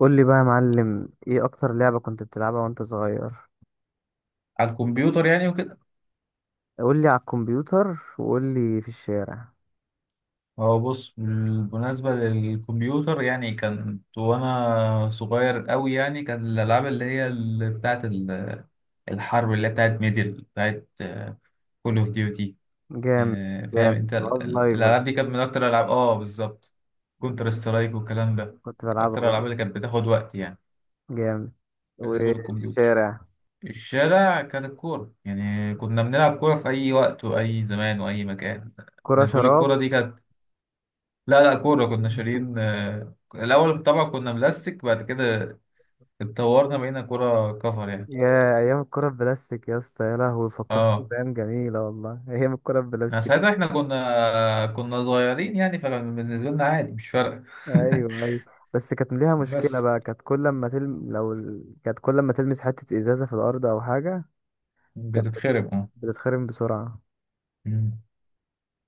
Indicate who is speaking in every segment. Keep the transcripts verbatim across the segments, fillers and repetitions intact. Speaker 1: قول لي بقى يا معلم، ايه اكتر لعبة كنت بتلعبها وانت صغير؟
Speaker 2: على الكمبيوتر يعني وكده.
Speaker 1: قول لي على الكمبيوتر وقول لي في الشارع.
Speaker 2: هو بص بالمناسبة للكمبيوتر يعني كانت وأنا صغير أوي يعني كان الألعاب اللي هي اللي بتاعت ال- الحرب اللي هي بتاعت ميدل بتاعت كول أوف ديوتي.
Speaker 1: جامد.
Speaker 2: فاهم
Speaker 1: جامد
Speaker 2: أنت ال-
Speaker 1: والله،
Speaker 2: ال-
Speaker 1: لايف ولا
Speaker 2: الألعاب دي
Speaker 1: إيه؟
Speaker 2: كانت من أكتر الألعاب، آه بالظبط. كونتر سترايك والكلام ده
Speaker 1: كنت بلعبها
Speaker 2: أكتر الألعاب
Speaker 1: برضه.
Speaker 2: اللي كانت بتاخد وقت يعني.
Speaker 1: جامد.
Speaker 2: بالنسبة
Speaker 1: وفي
Speaker 2: للكمبيوتر.
Speaker 1: الشارع؟
Speaker 2: الشارع كانت الكورة يعني كنا بنلعب كورة في أي وقت وأي زمان وأي مكان.
Speaker 1: كرة
Speaker 2: بالنسبة لي الكورة
Speaker 1: شراب.
Speaker 2: دي كانت، لا لا كورة كنا شارين، آه، الأول طبعا كنا بلاستيك بعد كده اتطورنا بقينا كورة كفر يعني.
Speaker 1: يا ايام الكرة البلاستيك يا اسطى، يا لهوي فكرتني
Speaker 2: اه
Speaker 1: بايام جميلة والله. ايام الكرة
Speaker 2: يعني
Speaker 1: البلاستيك.
Speaker 2: ساعتها احنا كنا كنا صغيرين يعني فكان بالنسبة لنا عادي مش فارقة.
Speaker 1: ايوه، ايوه. بس كانت ليها مشكلة
Speaker 2: بس
Speaker 1: بقى، كانت كل ما تلم لو ال... كانت كل ما تلمس حتة ازازة في الارض او حاجة. كانت بت-
Speaker 2: بتتخرب اه.
Speaker 1: بتتخرم بسرعة.
Speaker 2: مم.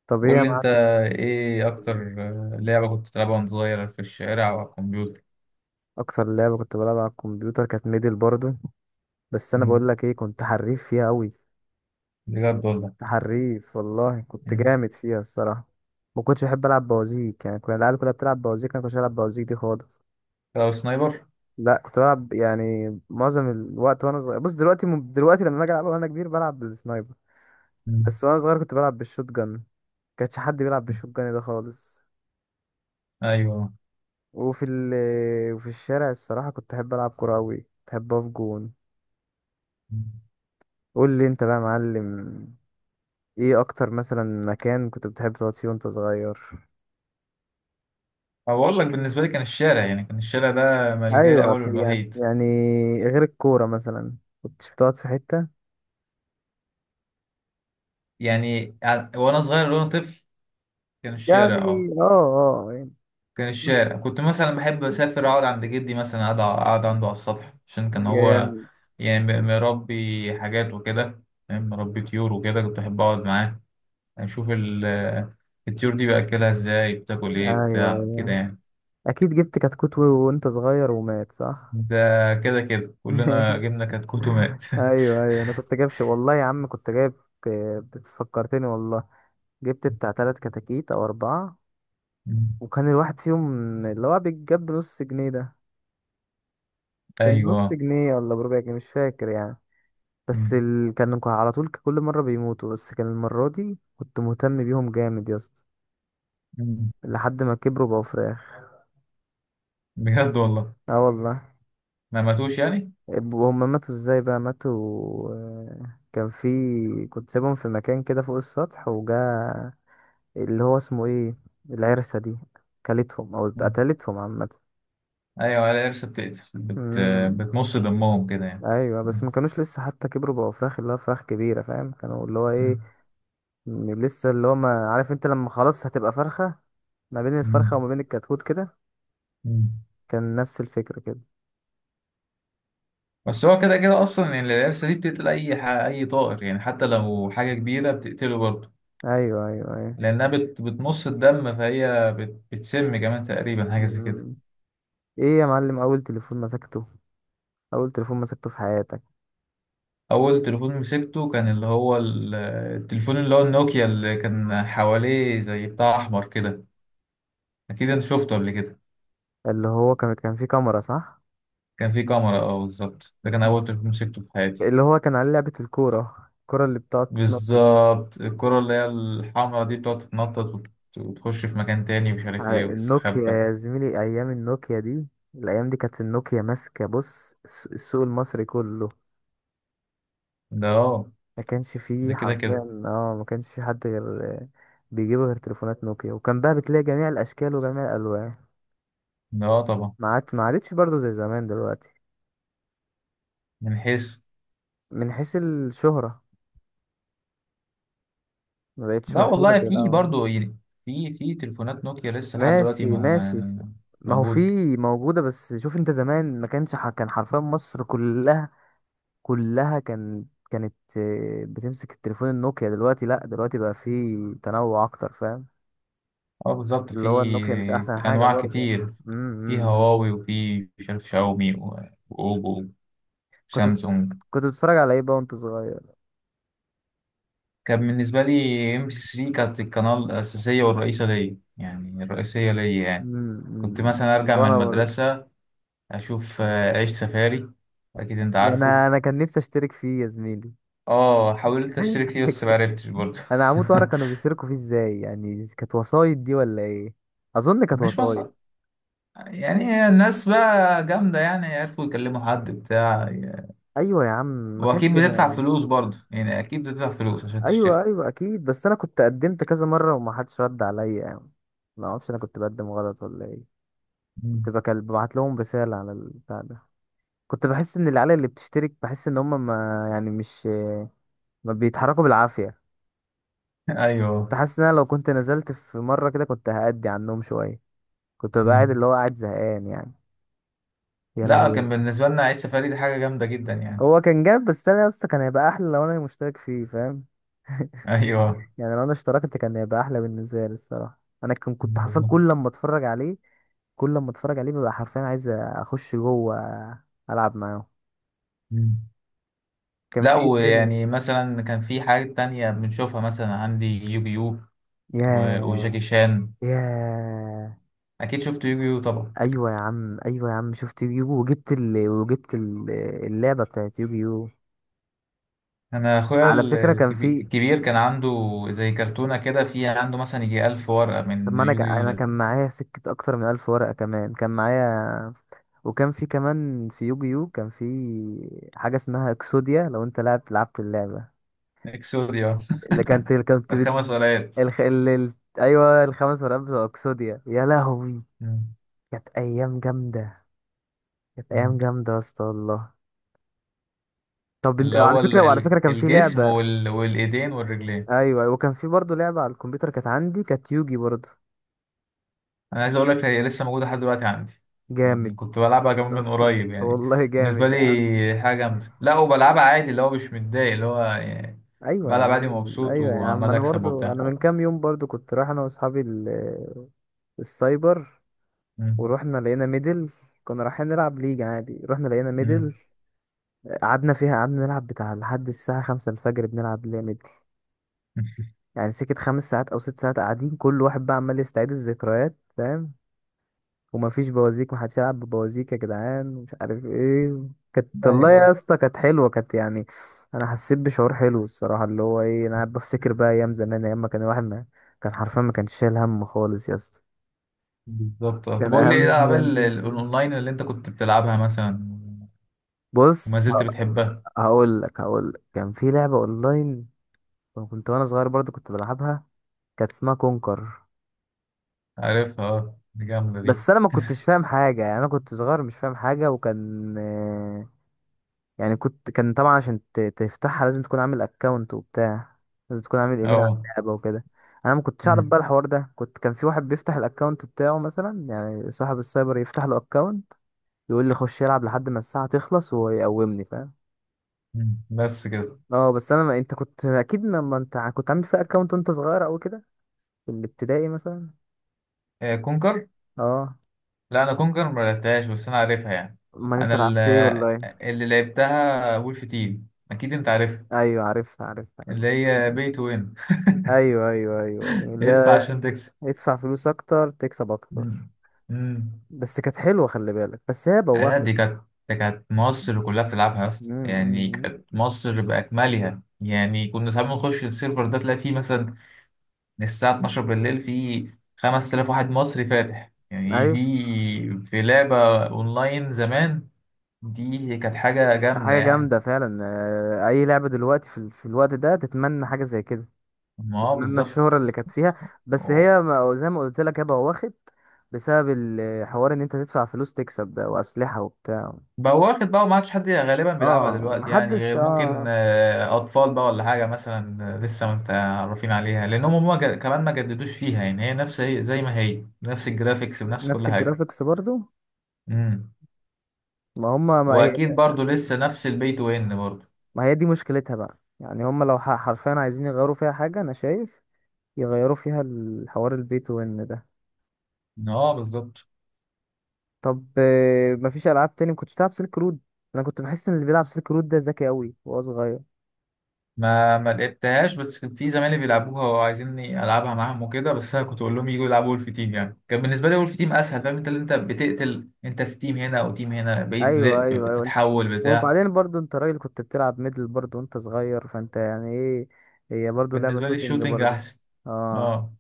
Speaker 1: طب ايه
Speaker 2: قول
Speaker 1: يا
Speaker 2: لي انت
Speaker 1: معلم؟
Speaker 2: ايه أكتر، آه، لعبة كنت بتلعبها وأنت صغير في الشارع أو على الكمبيوتر.
Speaker 1: اكتر لعبه كنت بلعب على الكمبيوتر كانت ميدل برضه. بس انا
Speaker 2: مم.
Speaker 1: بقول لك ايه، كنت حريف فيها قوي.
Speaker 2: بجد والله.
Speaker 1: حريف والله، كنت
Speaker 2: مم.
Speaker 1: جامد فيها الصراحه. ما كنتش بحب العب بوازيك، يعني كنا العيال كلها بتلعب بوازيك، انا ما كنتش بلعب بوازيك دي خالص.
Speaker 2: لو سنايبر.
Speaker 1: لا، كنت بلعب يعني معظم الوقت وانا صغير. بص، دلوقتي دلوقتي لما اجي العب وانا كبير بلعب بالسنايبر.
Speaker 2: مم.
Speaker 1: بس وانا صغير كنت بلعب بالشوت جن. كانش حد بيلعب بالشوت جن ده خالص.
Speaker 2: أيوه.
Speaker 1: وفي ال وفي الشارع الصراحه كنت احب العب كوره قوي، كنت احب اقف جون.
Speaker 2: مم.
Speaker 1: قول لي انت بقى يا معلم، ايه اكتر مثلا مكان كنت بتحب تقعد فيه وانت صغير؟
Speaker 2: أو أقول لك بالنسبة لي كان الشارع يعني كان الشارع ده ملجأي
Speaker 1: ايوه،
Speaker 2: الأول
Speaker 1: في- يعني
Speaker 2: والوحيد.
Speaker 1: يعني غير الكوره مثلا، كنتش بتقعد في حته؟
Speaker 2: يعني ع- وانا صغير لو انا طفل كان الشارع
Speaker 1: يعني
Speaker 2: اه.
Speaker 1: اه اه يعني،
Speaker 2: كان
Speaker 1: كنت-
Speaker 2: الشارع كنت مثلا بحب اسافر اقعد عند جدي مثلا اقعد اقعد عنده على السطح عشان كان هو
Speaker 1: يعني-
Speaker 2: يعني م- مربي حاجات وكده. فاهم؟ مربي طيور وكده كنت احب اقعد معاه اشوف ال- الطيور دي باكلها ازاي بتاكل ايه
Speaker 1: ايوه.
Speaker 2: بتاع كده
Speaker 1: أيوة.
Speaker 2: يعني.
Speaker 1: اكيد جبت كتكوت و- وانت صغير ومات، صح؟
Speaker 2: ده كده كده كلنا جبنا كتكوت ومات.
Speaker 1: ايوه، ايوه، انا كنت جايب ش- والله يا عم كنت جايب، آه، بتفكرتني والله. جبت بتاع تلات كتاكيت او اربعه. وكان الواحد فيهم اللي هو بيتجاب بنص جنيه ده. كان نص
Speaker 2: ايوه.
Speaker 1: جنيه ولا بربع جنيه مش فاكر يعني. بس
Speaker 2: مم.
Speaker 1: ال... كانوا ك- على طول كل مرة بيموتوا، بس كان المرة دي كنت مهتم بيهم جامد يا اسطى.
Speaker 2: مم.
Speaker 1: لحد ما كبروا بقوا فراخ.
Speaker 2: بجد والله.
Speaker 1: اه والله.
Speaker 2: ما ماتوش يعني.
Speaker 1: اب- هما ماتوا ازاي بقى، ماتوا. آه، كان في كنت سايبهم في مكان كده فوق السطح وجا اللي هو اسمه ايه، العرسة دي، كلتهم او قتلتهم عامة.
Speaker 2: ايوه القرش بتقتل بت...
Speaker 1: امم.
Speaker 2: بتمص دمهم كده يعني.
Speaker 1: ايوه، بس
Speaker 2: مم.
Speaker 1: ما كانوش لسه حتى كبروا بقوا فراخ اللي هو فراخ كبيرة، فاهم، كانوا اللي هو ايه، م- لسه اللي هو ما عارف انت لما خلاص هتبقى فرخة، ما بين
Speaker 2: مم.
Speaker 1: الفرخة وما بين الكتكوت كده،
Speaker 2: مم.
Speaker 1: كان نفس الفكرة كده.
Speaker 2: بس هو كده كده اصلا يعني القرش دي بتقتل اي ح... اي طائر يعني حتى لو حاجه كبيره بتقتله برضه.
Speaker 1: ايوه، ايوه، ايوه.
Speaker 2: لانها بت... بتمص الدم فهي بت... بتسم كمان تقريبا حاجه زي كده.
Speaker 1: مم. ايه يا معلم اول تليفون مسكته، اول تليفون مسكته في حياتك؟
Speaker 2: اول تليفون مسكته كان اللي هو ال- التليفون اللي هو النوكيا اللي كان حواليه زي بتاع احمر كده. اكيد انت شفته قبل كده.
Speaker 1: اللي هو كان كان فيه كاميرا، صح؟
Speaker 2: كان فيه كاميرا اه بالظبط، ده كان اول تليفون مسكته في حياتي.
Speaker 1: اللي هو كان عليه لعبة الكورة الكورة اللي بتقعد تتنطط.
Speaker 2: بالظبط الكرة اللي هي الحمرا دي بتقعد تتنطط وت- وتخش في مكان تاني ومش عارف ايه
Speaker 1: على النوكيا
Speaker 2: وتستخبى.
Speaker 1: يا زميلي، ايام النوكيا دي، الايام دي كانت النوكيا ماسكة بص الس- السوق المصري كله.
Speaker 2: ده اه.
Speaker 1: ما كانش فيه
Speaker 2: ده كده كده.
Speaker 1: حرفيا. اه، ما كانش فيه حد غير بيجيبوا غير تليفونات نوكيا، وكان بقى بتلاقي جميع الاشكال وجميع الالوان.
Speaker 2: ده اه طبعا.
Speaker 1: ما عادش ما عادتش برضه زي زمان دلوقتي.
Speaker 2: من حيث.
Speaker 1: من حيث الشهرة، ما بقتش
Speaker 2: لا
Speaker 1: مشهورة
Speaker 2: والله
Speaker 1: زي
Speaker 2: في
Speaker 1: الاول.
Speaker 2: برضه يعني. في في تليفونات نوكيا لسه لحد دلوقتي
Speaker 1: ماشي، ماشي.
Speaker 2: ما
Speaker 1: ما هو في،
Speaker 2: موجودة.
Speaker 1: موجودة، بس شوف انت زمان ما كانش ح... كان حرفيا مصر كلها، كلها كان، كانت آه، بتمسك التليفون النوكيا. دلوقتي، لا، دلوقتي بقى في تنوع اكتر، فاهم؟
Speaker 2: اه بالظبط في
Speaker 1: اللي هو النوكيا مش احسن حاجة
Speaker 2: أنواع
Speaker 1: برضه.
Speaker 2: كتير.
Speaker 1: امم. إمم،
Speaker 2: في
Speaker 1: إمم.
Speaker 2: هواوي وفي مش عارف شاومي و- وأوبو
Speaker 1: كنت بت-
Speaker 2: وسامسونج.
Speaker 1: كنت بتتفرج على ايه بقى وانت صغير؟
Speaker 2: كان بالنسبة لي ام بي ام بي ثري كانت القناة الأساسية والرئيسة ليا يعني الرئيسية ليا يعني.
Speaker 1: مم،
Speaker 2: كنت
Speaker 1: مم.
Speaker 2: مثلا ارجع من
Speaker 1: وانا برضه.
Speaker 2: المدرسة اشوف، آه، عيش سفاري. اكيد انت
Speaker 1: يعني انا
Speaker 2: عارفه.
Speaker 1: أنا كان نفسي اشترك فيه يا زميلي.
Speaker 2: اه حاولت اشترك فيه بس معرفتش برضه.
Speaker 1: انا هموت واعرف كانوا بيشتركوا فيه ازاي، يعني كانت وسايط دي ولا ايه؟ اظن كانت
Speaker 2: مش
Speaker 1: وسايط.
Speaker 2: مصر. يعني الناس بقى جامدة يعني عرفوا يكلموا حد بتاع.
Speaker 1: ايوه يا عم. ما كانش
Speaker 2: واكيد
Speaker 1: ما...
Speaker 2: بتدفع
Speaker 1: يعني،
Speaker 2: فلوس برضه يعني اكيد بتدفع فلوس عشان تشترك.
Speaker 1: ايوه، ايوه، اكيد، بس انا كنت قدمت كذا مره وما حدش رد عليا يعني. ما اعرفش انا كنت بقدم غلط ولا ايه.
Speaker 2: مم.
Speaker 1: كنت بكل ببعت لهم رساله على البتاع ده. كنت بحس ان العيال اللي بتشترك، بحس ان هم ما، يعني مش، ما بيتحركوا بالعافيه. كنت
Speaker 2: ايوه.
Speaker 1: حاسس ان انا لو كنت نزلت في مره كده كنت هأدي عنهم شويه. كنت ببقى قاعد
Speaker 2: مم.
Speaker 1: اللي هو قاعد زهقان يعني. يا
Speaker 2: لا
Speaker 1: لهوي.
Speaker 2: كان بالنسبة لنا عيش سفاري دي حاجة جامدة جدا يعني.
Speaker 1: هو كان جاب، بس انا يا اسطى كان هيبقى احلى لو انا مشترك فيه، فاهم؟
Speaker 2: ايوه
Speaker 1: يعني لو انا اشتركت كان هيبقى احلى بالنسبه لي الصراحه. انا كان كنت حرفيا
Speaker 2: بالظبط.
Speaker 1: كل لما اتفرج عليه، كل لما اتفرج عليه ببقى حرفيا عايز اخش جوه، العب معاهم.
Speaker 2: مم.
Speaker 1: كان
Speaker 2: لا
Speaker 1: في ايه
Speaker 2: ويعني
Speaker 1: تاني؟
Speaker 2: مثلا كان في حاجة تانية بنشوفها مثلا عندي يوجيو و-
Speaker 1: ياه.
Speaker 2: وجاكي شان.
Speaker 1: ياه.
Speaker 2: اكيد شفت يوجيو طبعا.
Speaker 1: ايوه يا عم، ايوه يا عم، شفت يوجيو، وجبت ال... وجبت ال... اللعبه بتاعت يوجيو.
Speaker 2: انا اخويا
Speaker 1: على
Speaker 2: ال-
Speaker 1: فكره كان
Speaker 2: الكبي-
Speaker 1: في.
Speaker 2: الكبير كان عنده زي كرتونه كده فيها عنده مثلا يجي ألف ورقه
Speaker 1: طب
Speaker 2: من
Speaker 1: ما انا ك...
Speaker 2: يوجيو
Speaker 1: انا كان
Speaker 2: ده.
Speaker 1: معايا سكة اكتر من الف ورقة كمان كان معايا. وكان في كمان في يوجيو كان في حاجة اسمها اكسوديا، لو انت لعبت لعبت اللعبة
Speaker 2: اكسوديا.
Speaker 1: اللي كانت كانت بت...
Speaker 2: الخمس ورقات.
Speaker 1: الخ... ال... ال... ايوه الخمس ورقات بتوع اكسوديا يا لهوي.
Speaker 2: مم.
Speaker 1: كانت ايام جامدة. كانت
Speaker 2: مم.
Speaker 1: ايام جامدة يا اسطى والله. طب انت
Speaker 2: اللي
Speaker 1: على
Speaker 2: هو ال-
Speaker 1: فكرة، وعلى
Speaker 2: ال-
Speaker 1: فكرة كان في
Speaker 2: الجسم
Speaker 1: لعبة.
Speaker 2: وال- والايدين والرجلين.
Speaker 1: ايوه. أيوة، وكان في برضه لعبة على الكمبيوتر كانت عندي، كانت يوجي برضه.
Speaker 2: انا عايز اقول لك هي لسه موجوده لحد دلوقتي عندي. يعني
Speaker 1: جامد.
Speaker 2: كنت بلعبها كمان من قريب يعني.
Speaker 1: والله
Speaker 2: بالنسبه
Speaker 1: جامد.
Speaker 2: لي حاجه جامده. لا وبلعبها عادي اللي هو مش متضايق اللي هو يعني
Speaker 1: ايوه يا
Speaker 2: بلعب
Speaker 1: عم،
Speaker 2: عادي مبسوط
Speaker 1: ايوه يا عم،
Speaker 2: وعمال
Speaker 1: انا
Speaker 2: اكسب
Speaker 1: برضو،
Speaker 2: وبتاع.
Speaker 1: انا من كام يوم برضو كنت رايح انا واصحابي ال- السايبر،
Speaker 2: مم.
Speaker 1: ورحنا لقينا ميدل. كنا رايحين نلعب ليج عادي، رحنا لقينا
Speaker 2: مم.
Speaker 1: ميدل. قعدنا فيها، قعدنا نلعب بتاع لحد الساعة خمسة الفجر بنلعب ليها ميدل. يعني سكت خمس ساعات او ست ساعات قاعدين، كل واحد بقى عمال يستعيد الذكريات، فاهم؟ ومفيش بوازيك، محدش يلعب ببوازيك يا جدعان، مش عارف ايه. كانت والله يا
Speaker 2: ايوه
Speaker 1: اسطى كانت حلوه كانت يعني. انا حسيت بشعور حلو الصراحه، اللي هو ايه، انا قاعد بفتكر بقى ايام زمان، ايام ما كان الواحد ما كان حرفيا ما كانش شايل هم خالص يا اسطى.
Speaker 2: بالظبط، آه. طب
Speaker 1: كان هقول
Speaker 2: قول لي
Speaker 1: اهم
Speaker 2: ايه
Speaker 1: لك حاجه
Speaker 2: الالعاب ال-
Speaker 1: بقى
Speaker 2: ال-
Speaker 1: عندي،
Speaker 2: الاونلاين اللي انت كنت بتلعبها مثلا وما
Speaker 1: بص،
Speaker 2: زلت بتحبها.
Speaker 1: هقول لك هقول لك كان في لعبه اونلاين كنت وانا صغير برضو كنت بلعبها، كانت اسمها كونكر.
Speaker 2: عارفها اه دي جامده دي.
Speaker 1: بس انا ما كنتش فاهم حاجه، يعني انا كنت صغير مش فاهم حاجه، وكان يعني كنت كان طبعا عشان ت- تفتحها لازم تكون عامل اكونت وبتاع، لازم تكون عامل ايميل على
Speaker 2: اه
Speaker 1: اللعبة وكده. انا ما كنتش اعرف
Speaker 2: أمم،
Speaker 1: بقى الحوار ده، كنت كان في واحد بيفتح الاكونت بتاعه مثلا، يعني صاحب السايبر يفتح له اكونت، يقول لي خش يلعب لحد ما الساعة تخلص ويقومني، فاهم؟
Speaker 2: أمم. بس كده،
Speaker 1: اه، بس انا ما، انت كنت اكيد لما انت ع- كنت عامل فيها اكونت وانت صغير او كده، في الابتدائي مثلا.
Speaker 2: آه، كونكر.
Speaker 1: اه.
Speaker 2: لا انا كونكر ما لعبتهاش بس انا عارفها يعني.
Speaker 1: امال انت
Speaker 2: انا ال-
Speaker 1: لعبت ايه اونلاين؟
Speaker 2: اللي لعبتها وولف تيم، اكيد انت عارفها.
Speaker 1: ايوه، عارفها، عارفها، عارفها.
Speaker 2: اللي هي بي تو وين.
Speaker 1: ايوه، ايوه، ايوه، ايوه، اللي
Speaker 2: ادفع
Speaker 1: هي
Speaker 2: عشان تكسب.
Speaker 1: ادفع فلوس اكتر تكسب اكتر.
Speaker 2: أمم، أمم.
Speaker 1: بس كانت حلوه، خلي بالك، بس هي
Speaker 2: لا
Speaker 1: بوخت.
Speaker 2: دي كانت. دي كانت مصر كلها بتلعبها يا اسطى يعني
Speaker 1: مم.
Speaker 2: كانت مصر بأكملها يعني كنا ساعات بنخش السيرفر ده تلاقي فيه مثلا من الساعة اثناشر بالليل فيه خمس تلاف واحد مصري فاتح يعني
Speaker 1: ايوه.
Speaker 2: دي في لعبة أونلاين زمان. دي كانت حاجة جامدة
Speaker 1: حاجه
Speaker 2: يعني.
Speaker 1: جامده فعلا، آه، اي لعبه دلوقتي في, ال- في الوقت ده تتمنى حاجه زي كده،
Speaker 2: ما هو
Speaker 1: تتمنى
Speaker 2: بالظبط.
Speaker 1: الشهره اللي كانت فيها. بس هي ما- زي ما قلت لك هي بوخت بسبب الحوار، ان انت تدفع فلوس تكسب ده، واسلحه وبتاع.
Speaker 2: بقى واخد بقى وما عادش حد غالبا بيلعبها
Speaker 1: اه،
Speaker 2: دلوقتي يعني
Speaker 1: محدش.
Speaker 2: غير ممكن،
Speaker 1: اه،
Speaker 2: آه، اطفال بقى ولا حاجه مثلا، آه، لسه ما متعرفين عليها لانهم هم جا- كمان ما جددوش فيها يعني هي نفس هي زي ما هي نفس الجرافيكس بنفس
Speaker 1: نفس
Speaker 2: كل حاجه.
Speaker 1: الجرافيكس برضو.
Speaker 2: امم.
Speaker 1: ما هما ما هي،
Speaker 2: واكيد برضو لسه نفس البي تو ان برضو.
Speaker 1: ما هي دي مشكلتها بقى يعني، هما لو ح- حرفيا عايزين يغيروا فيها حاجه انا شايف، يغيروا فيها الحوار البي تو ان ده.
Speaker 2: اه بالظبط.
Speaker 1: طب آه، مفيش العاب تاني ما كنتش بتلعب سلك رود؟ انا كنت بحس ان اللي بيلعب سلك رود ده ذكي قوي وهو صغير.
Speaker 2: ما ما لعبتهاش بس كان في زمايلي بيلعبوها وعايزيني العبها معاهم وكده بس انا كنت اقول لهم يجوا يلعبوا ولف تيم يعني كان بالنسبه لي ولف تيم اسهل. فاهم انت اللي انت بتقتل انت في تيم هنا او تيم هنا بقيت
Speaker 1: ايوه،
Speaker 2: ذئب
Speaker 1: ايوه، ايوه.
Speaker 2: بتتحول بتاع.
Speaker 1: وبعدين برضو انت راجل كنت بتلعب ميدل برضو وانت صغير، فانت يعني ايه، هي برضو لعبة
Speaker 2: بالنسبه لي
Speaker 1: شوتينج
Speaker 2: الشوتينج
Speaker 1: برضو.
Speaker 2: احسن.
Speaker 1: اه.
Speaker 2: اه.